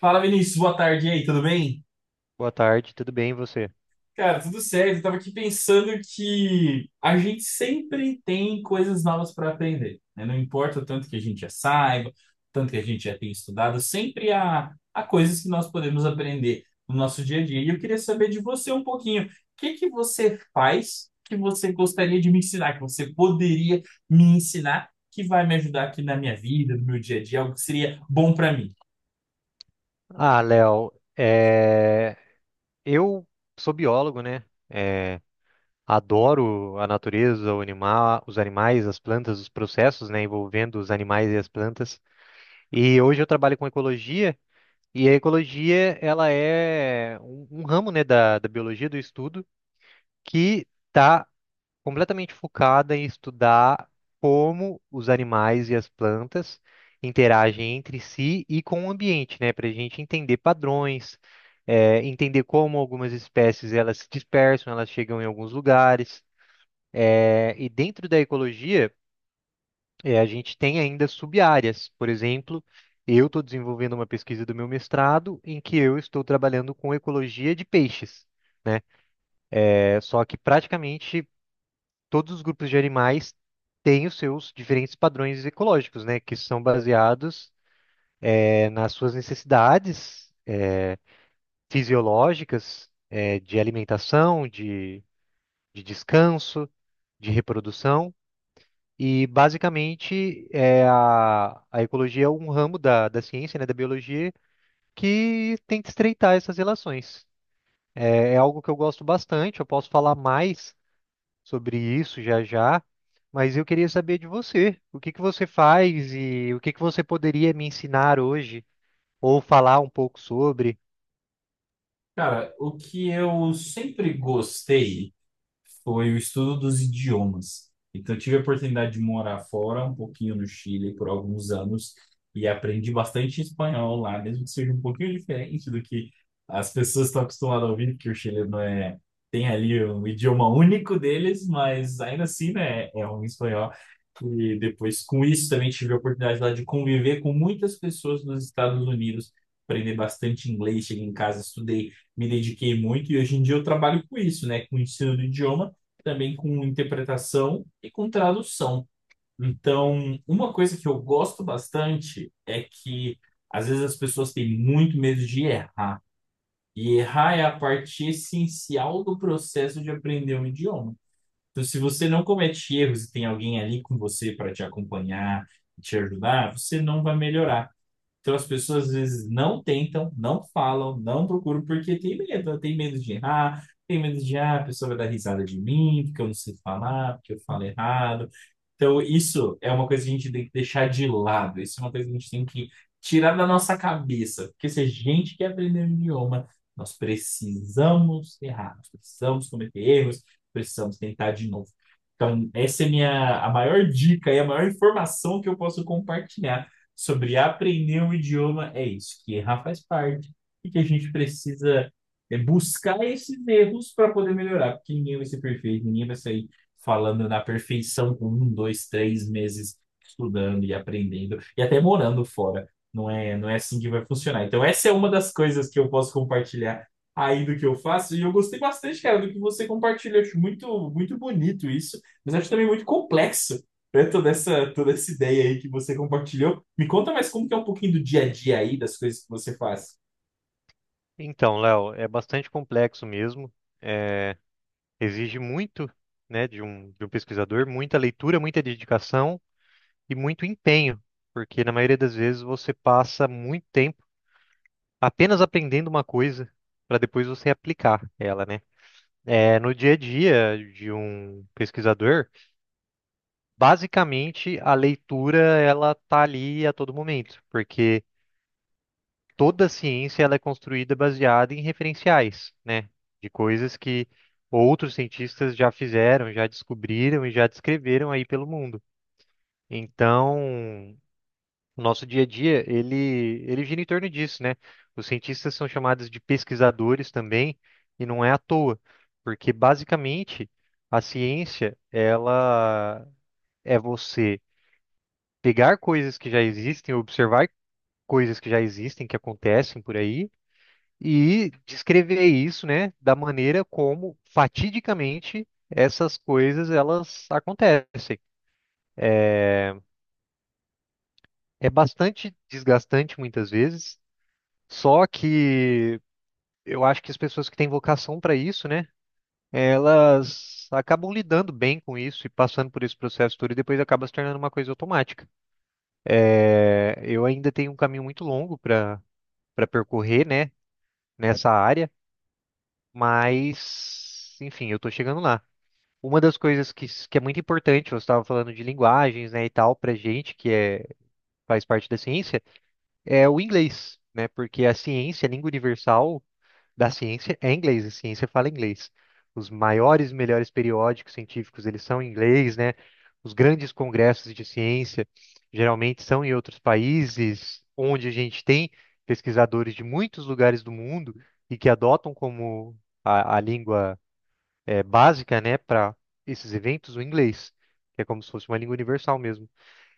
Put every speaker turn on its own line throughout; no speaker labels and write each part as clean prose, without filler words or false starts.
Fala, Vinícius, boa tarde e aí, tudo bem?
Boa tarde, tudo bem e você?
Cara, tudo certo. Eu tava aqui pensando que a gente sempre tem coisas novas para aprender, né? Não importa o tanto que a gente já saiba, o tanto que a gente já tenha estudado, sempre há coisas que nós podemos aprender no nosso dia a dia. E eu queria saber de você um pouquinho, o que que você faz que você gostaria de me ensinar, que você poderia me ensinar, que vai me ajudar aqui na minha vida, no meu dia a dia, algo que seria bom para mim?
Ah, Léo, é, eu sou biólogo, né? É, Adoro a natureza, o animal, os animais, as plantas, os processos, né, envolvendo os animais e as plantas. E hoje eu trabalho com ecologia, e a ecologia, ela é um ramo, né, da biologia do estudo que está completamente focada em estudar como os animais e as plantas interagem entre si e com o ambiente, né? Para a gente entender padrões, entender como algumas espécies elas se dispersam, elas chegam em alguns lugares. E dentro da ecologia, a gente tem ainda sub-áreas. Por exemplo, eu estou desenvolvendo uma pesquisa do meu mestrado em que eu estou trabalhando com ecologia de peixes, né? É, só que praticamente todos os grupos de animais têm os seus diferentes padrões ecológicos, né, que são baseados nas suas necessidades fisiológicas, de alimentação, de descanso, de reprodução. E basicamente é a ecologia, é um ramo da ciência, né, da biologia, que tenta estreitar essas relações. É, é algo que eu gosto bastante, eu posso falar mais sobre isso já já, mas eu queria saber de você. O que que você faz e o que que você poderia me ensinar hoje ou falar um pouco sobre?
Cara, o que eu sempre gostei foi o estudo dos idiomas. Então, eu tive a oportunidade de morar fora, um pouquinho no Chile, por alguns anos, e aprendi bastante espanhol lá, mesmo que seja um pouquinho diferente do que as pessoas estão acostumadas a ouvir, porque o chileno é, tem ali um idioma único deles, mas ainda assim, né, é um espanhol. E depois, com isso, também tive a oportunidade lá de conviver com muitas pessoas dos Estados Unidos, aprender bastante inglês, cheguei em casa, estudei, me dediquei muito e hoje em dia eu trabalho com isso, né? Com o ensino do idioma, também com interpretação e com tradução. Então, uma coisa que eu gosto bastante é que às vezes as pessoas têm muito medo de errar. E errar é a parte essencial do processo de aprender um idioma. Então, se você não comete erros e tem alguém ali com você para te acompanhar, te ajudar, você não vai melhorar. Então as pessoas às vezes não tentam, não falam, não procuram, porque tem medo, né? Tem medo de errar, tem medo de, ah, a pessoa vai dar risada de mim, porque eu não sei falar, porque eu falo errado. Então isso é uma coisa que a gente tem que deixar de lado, isso é uma coisa que a gente tem que tirar da nossa cabeça, porque se a gente quer aprender um idioma, nós precisamos errar, nós precisamos cometer erros, precisamos tentar de novo. Então, a maior dica e a maior informação que eu posso compartilhar sobre aprender um idioma, é isso, que errar faz parte e que a gente precisa buscar esses erros para poder melhorar, porque ninguém vai ser perfeito, ninguém vai sair falando na perfeição com um, dois, três meses estudando e aprendendo e até morando fora. Não é assim que vai funcionar. Então, essa é uma das coisas que eu posso compartilhar aí do que eu faço. E eu gostei bastante, cara, do que você compartilhou. Acho muito, muito bonito isso, mas acho também muito complexo, né? Toda essa ideia aí que você compartilhou. Me conta mais como que é um pouquinho do dia a dia aí, das coisas que você faz.
Então, Léo, é bastante complexo mesmo. é, Exige muito, né, de de um pesquisador, muita leitura, muita dedicação e muito empenho, porque na maioria das vezes você passa muito tempo apenas aprendendo uma coisa para depois você aplicar ela, né? É, no dia a dia de um pesquisador, basicamente, a leitura ela tá ali a todo momento, porque toda ciência ela é construída baseada em referenciais, né? De coisas que outros cientistas já fizeram, já descobriram e já descreveram aí pelo mundo. Então, o nosso dia a dia, ele gira em torno disso, né? Os cientistas são chamados de pesquisadores também, e não é à toa, porque basicamente a ciência ela é você pegar coisas que já existem, observar coisas que já existem, que acontecem por aí, e descrever isso, né, da maneira como fatidicamente essas coisas elas acontecem. É bastante desgastante muitas vezes, só que eu acho que as pessoas que têm vocação para isso, né, elas acabam lidando bem com isso e passando por esse processo todo e depois acaba se tornando uma coisa automática. É, eu ainda tenho um caminho muito longo para percorrer, né, nessa área. Mas, enfim, eu tô chegando lá. Uma das coisas que é muito importante, você estava falando de linguagens, né, e tal, pra gente que é, faz parte da ciência, é o inglês, né? Porque a ciência, a língua universal da ciência é inglês, a ciência fala inglês. Os maiores, melhores periódicos científicos, eles são em inglês, né? Os grandes congressos de ciência geralmente são em outros países, onde a gente tem pesquisadores de muitos lugares do mundo e que adotam como a língua é, básica, né, para esses eventos, o inglês, que é como se fosse uma língua universal mesmo.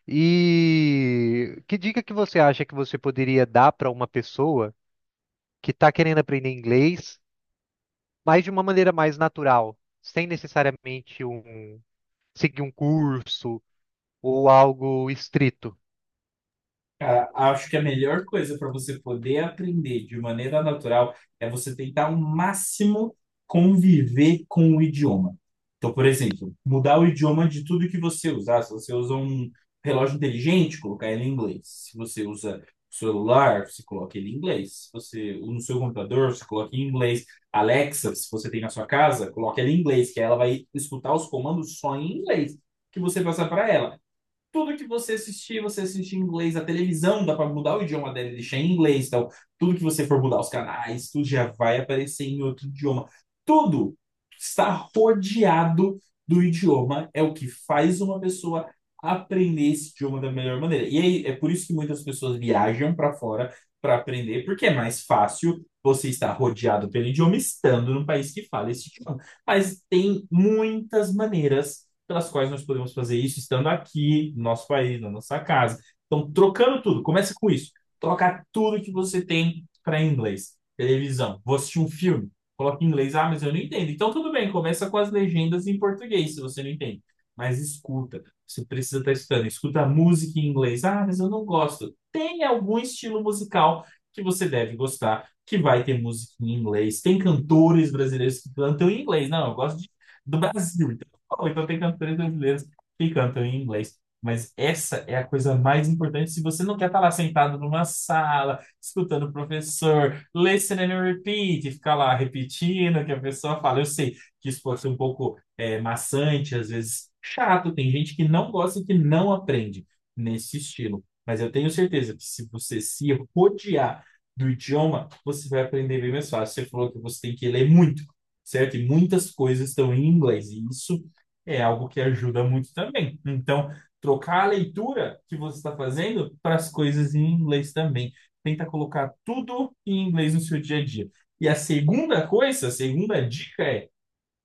E que dica que você acha que você poderia dar para uma pessoa que está querendo aprender inglês, mas de uma maneira mais natural, sem necessariamente um, seguir um curso ou algo estrito?
Acho que a melhor coisa para você poder aprender de maneira natural é você tentar ao máximo conviver com o idioma. Então, por exemplo, mudar o idioma de tudo que você usar. Se você usa um relógio inteligente, colocar ele em inglês. Se você usa celular, você coloca ele em inglês. Se você no seu computador, você coloca em inglês. Alexa, se você tem na sua casa, coloca ela em inglês, que aí ela vai escutar os comandos só em inglês que você passar para ela. Tudo que você assistir, você assiste em inglês. A televisão dá para mudar o idioma dela e deixar em inglês. Então, tudo que você for mudar os canais, tudo já vai aparecer em outro idioma. Tudo está rodeado do idioma. É o que faz uma pessoa aprender esse idioma da melhor maneira. E aí, é por isso que muitas pessoas viajam para fora para aprender, porque é mais fácil você estar rodeado pelo idioma estando num país que fala esse idioma. Mas tem muitas maneiras pelas quais nós podemos fazer isso estando aqui, no nosso país, na nossa casa. Então, trocando tudo. Começa com isso. Troca tudo que você tem para inglês. Televisão. Vou assistir um filme. Coloca em inglês. Ah, mas eu não entendo. Então, tudo bem. Começa com as legendas em português, se você não entende. Mas escuta. Você precisa estar escutando. Escuta a música em inglês. Ah, mas eu não gosto. Tem algum estilo musical que você deve gostar, que vai ter música em inglês. Tem cantores brasileiros que cantam em inglês. Não, eu gosto de do Brasil, ou então tem cantores brasileiros que cantam em inglês. Mas essa é a coisa mais importante se você não quer estar lá sentado numa sala, escutando o professor, listen and repeat, e ficar lá repetindo o que a pessoa fala. Eu sei que isso pode ser um pouco maçante, às vezes chato, tem gente que não gosta e que não aprende nesse estilo. Mas eu tenho certeza que se você se rodear do idioma, você vai aprender bem mais fácil. Você falou que você tem que ler muito, certo? E muitas coisas estão em inglês, e isso é algo que ajuda muito também. Então, trocar a leitura que você está fazendo para as coisas em inglês também. Tenta colocar tudo em inglês no seu dia a dia. E a segunda coisa, a segunda dica é: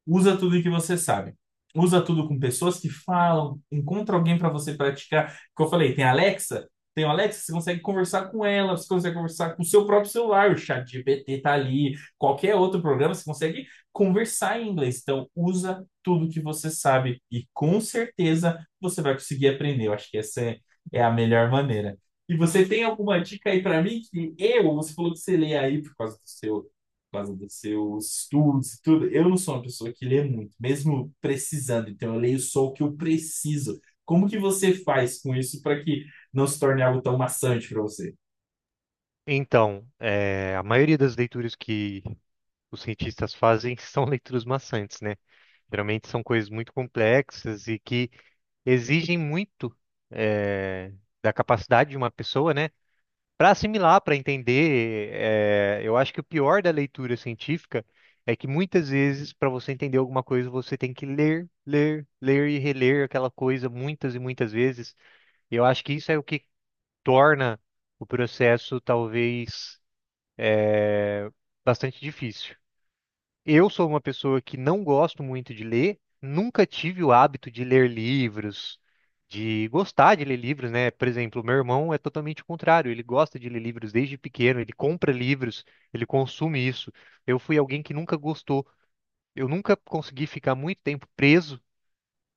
usa tudo que você sabe. Usa tudo com pessoas que falam. Encontra alguém para você praticar. Como eu falei, tem a Alexa. Tem o Alexa, você consegue conversar com ela, você consegue conversar com o seu próprio celular, o chat GPT tá ali, qualquer outro programa, você consegue conversar em inglês. Então, usa tudo que você sabe e com certeza você vai conseguir aprender. Eu acho que essa é a melhor maneira. E você tem alguma dica aí para mim que eu, você falou que você lê aí por causa dos seus estudos e tudo. Eu não sou uma pessoa que lê muito, mesmo precisando. Então, eu leio só o que eu preciso. Como que você faz com isso para que não se torne algo tão maçante para você?
Então, é, a maioria das leituras que os cientistas fazem são leituras maçantes, né? Geralmente são coisas muito complexas e que exigem muito eh, da capacidade de uma pessoa, né? Para assimilar, para entender, eu acho que o pior da leitura científica é que muitas vezes, para você entender alguma coisa, você tem que ler, ler, ler e reler aquela coisa muitas e muitas vezes. E eu acho que isso é o que torna o processo talvez bastante difícil. Eu sou uma pessoa que não gosto muito de ler, nunca tive o hábito de ler livros, de gostar de ler livros, né? Por exemplo, meu irmão é totalmente o contrário, ele gosta de ler livros desde pequeno, ele compra livros, ele consome isso. Eu fui alguém que nunca gostou, eu nunca consegui ficar muito tempo preso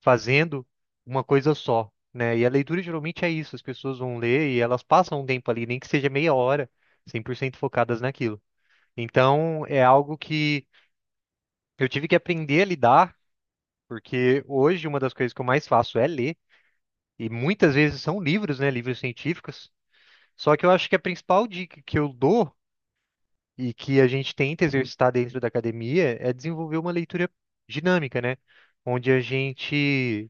fazendo uma coisa só, né? E a leitura geralmente é isso, as pessoas vão ler e elas passam um tempo ali, nem que seja meia hora, 100% focadas naquilo. Então, é algo que eu tive que aprender a lidar, porque hoje uma das coisas que eu mais faço é ler, e muitas vezes são livros, né, livros científicos. Só que eu acho que a principal dica que eu dou e que a gente tenta exercitar dentro da academia é desenvolver uma leitura dinâmica, né, onde a gente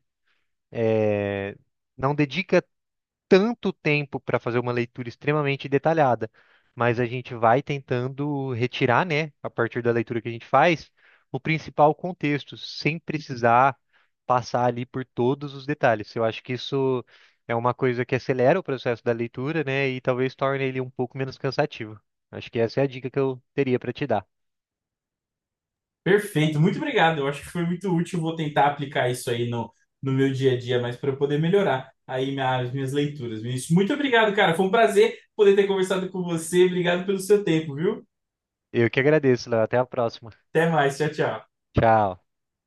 eh, não dedica tanto tempo para fazer uma leitura extremamente detalhada, mas a gente vai tentando retirar, né, a partir da leitura que a gente faz, o principal contexto, sem precisar passar ali por todos os detalhes. Eu acho que isso é uma coisa que acelera o processo da leitura, né, e talvez torne ele um pouco menos cansativo. Acho que essa é a dica que eu teria para te dar.
Perfeito, muito obrigado. Eu acho que foi muito útil. Vou tentar aplicar isso aí no, no meu dia a dia, mas para eu poder melhorar aí as minhas leituras. Vinícius, muito obrigado, cara. Foi um prazer poder ter conversado com você. Obrigado pelo seu tempo, viu?
Eu que agradeço, Léo. Até a próxima.
Até mais. Tchau, tchau.
Tchau.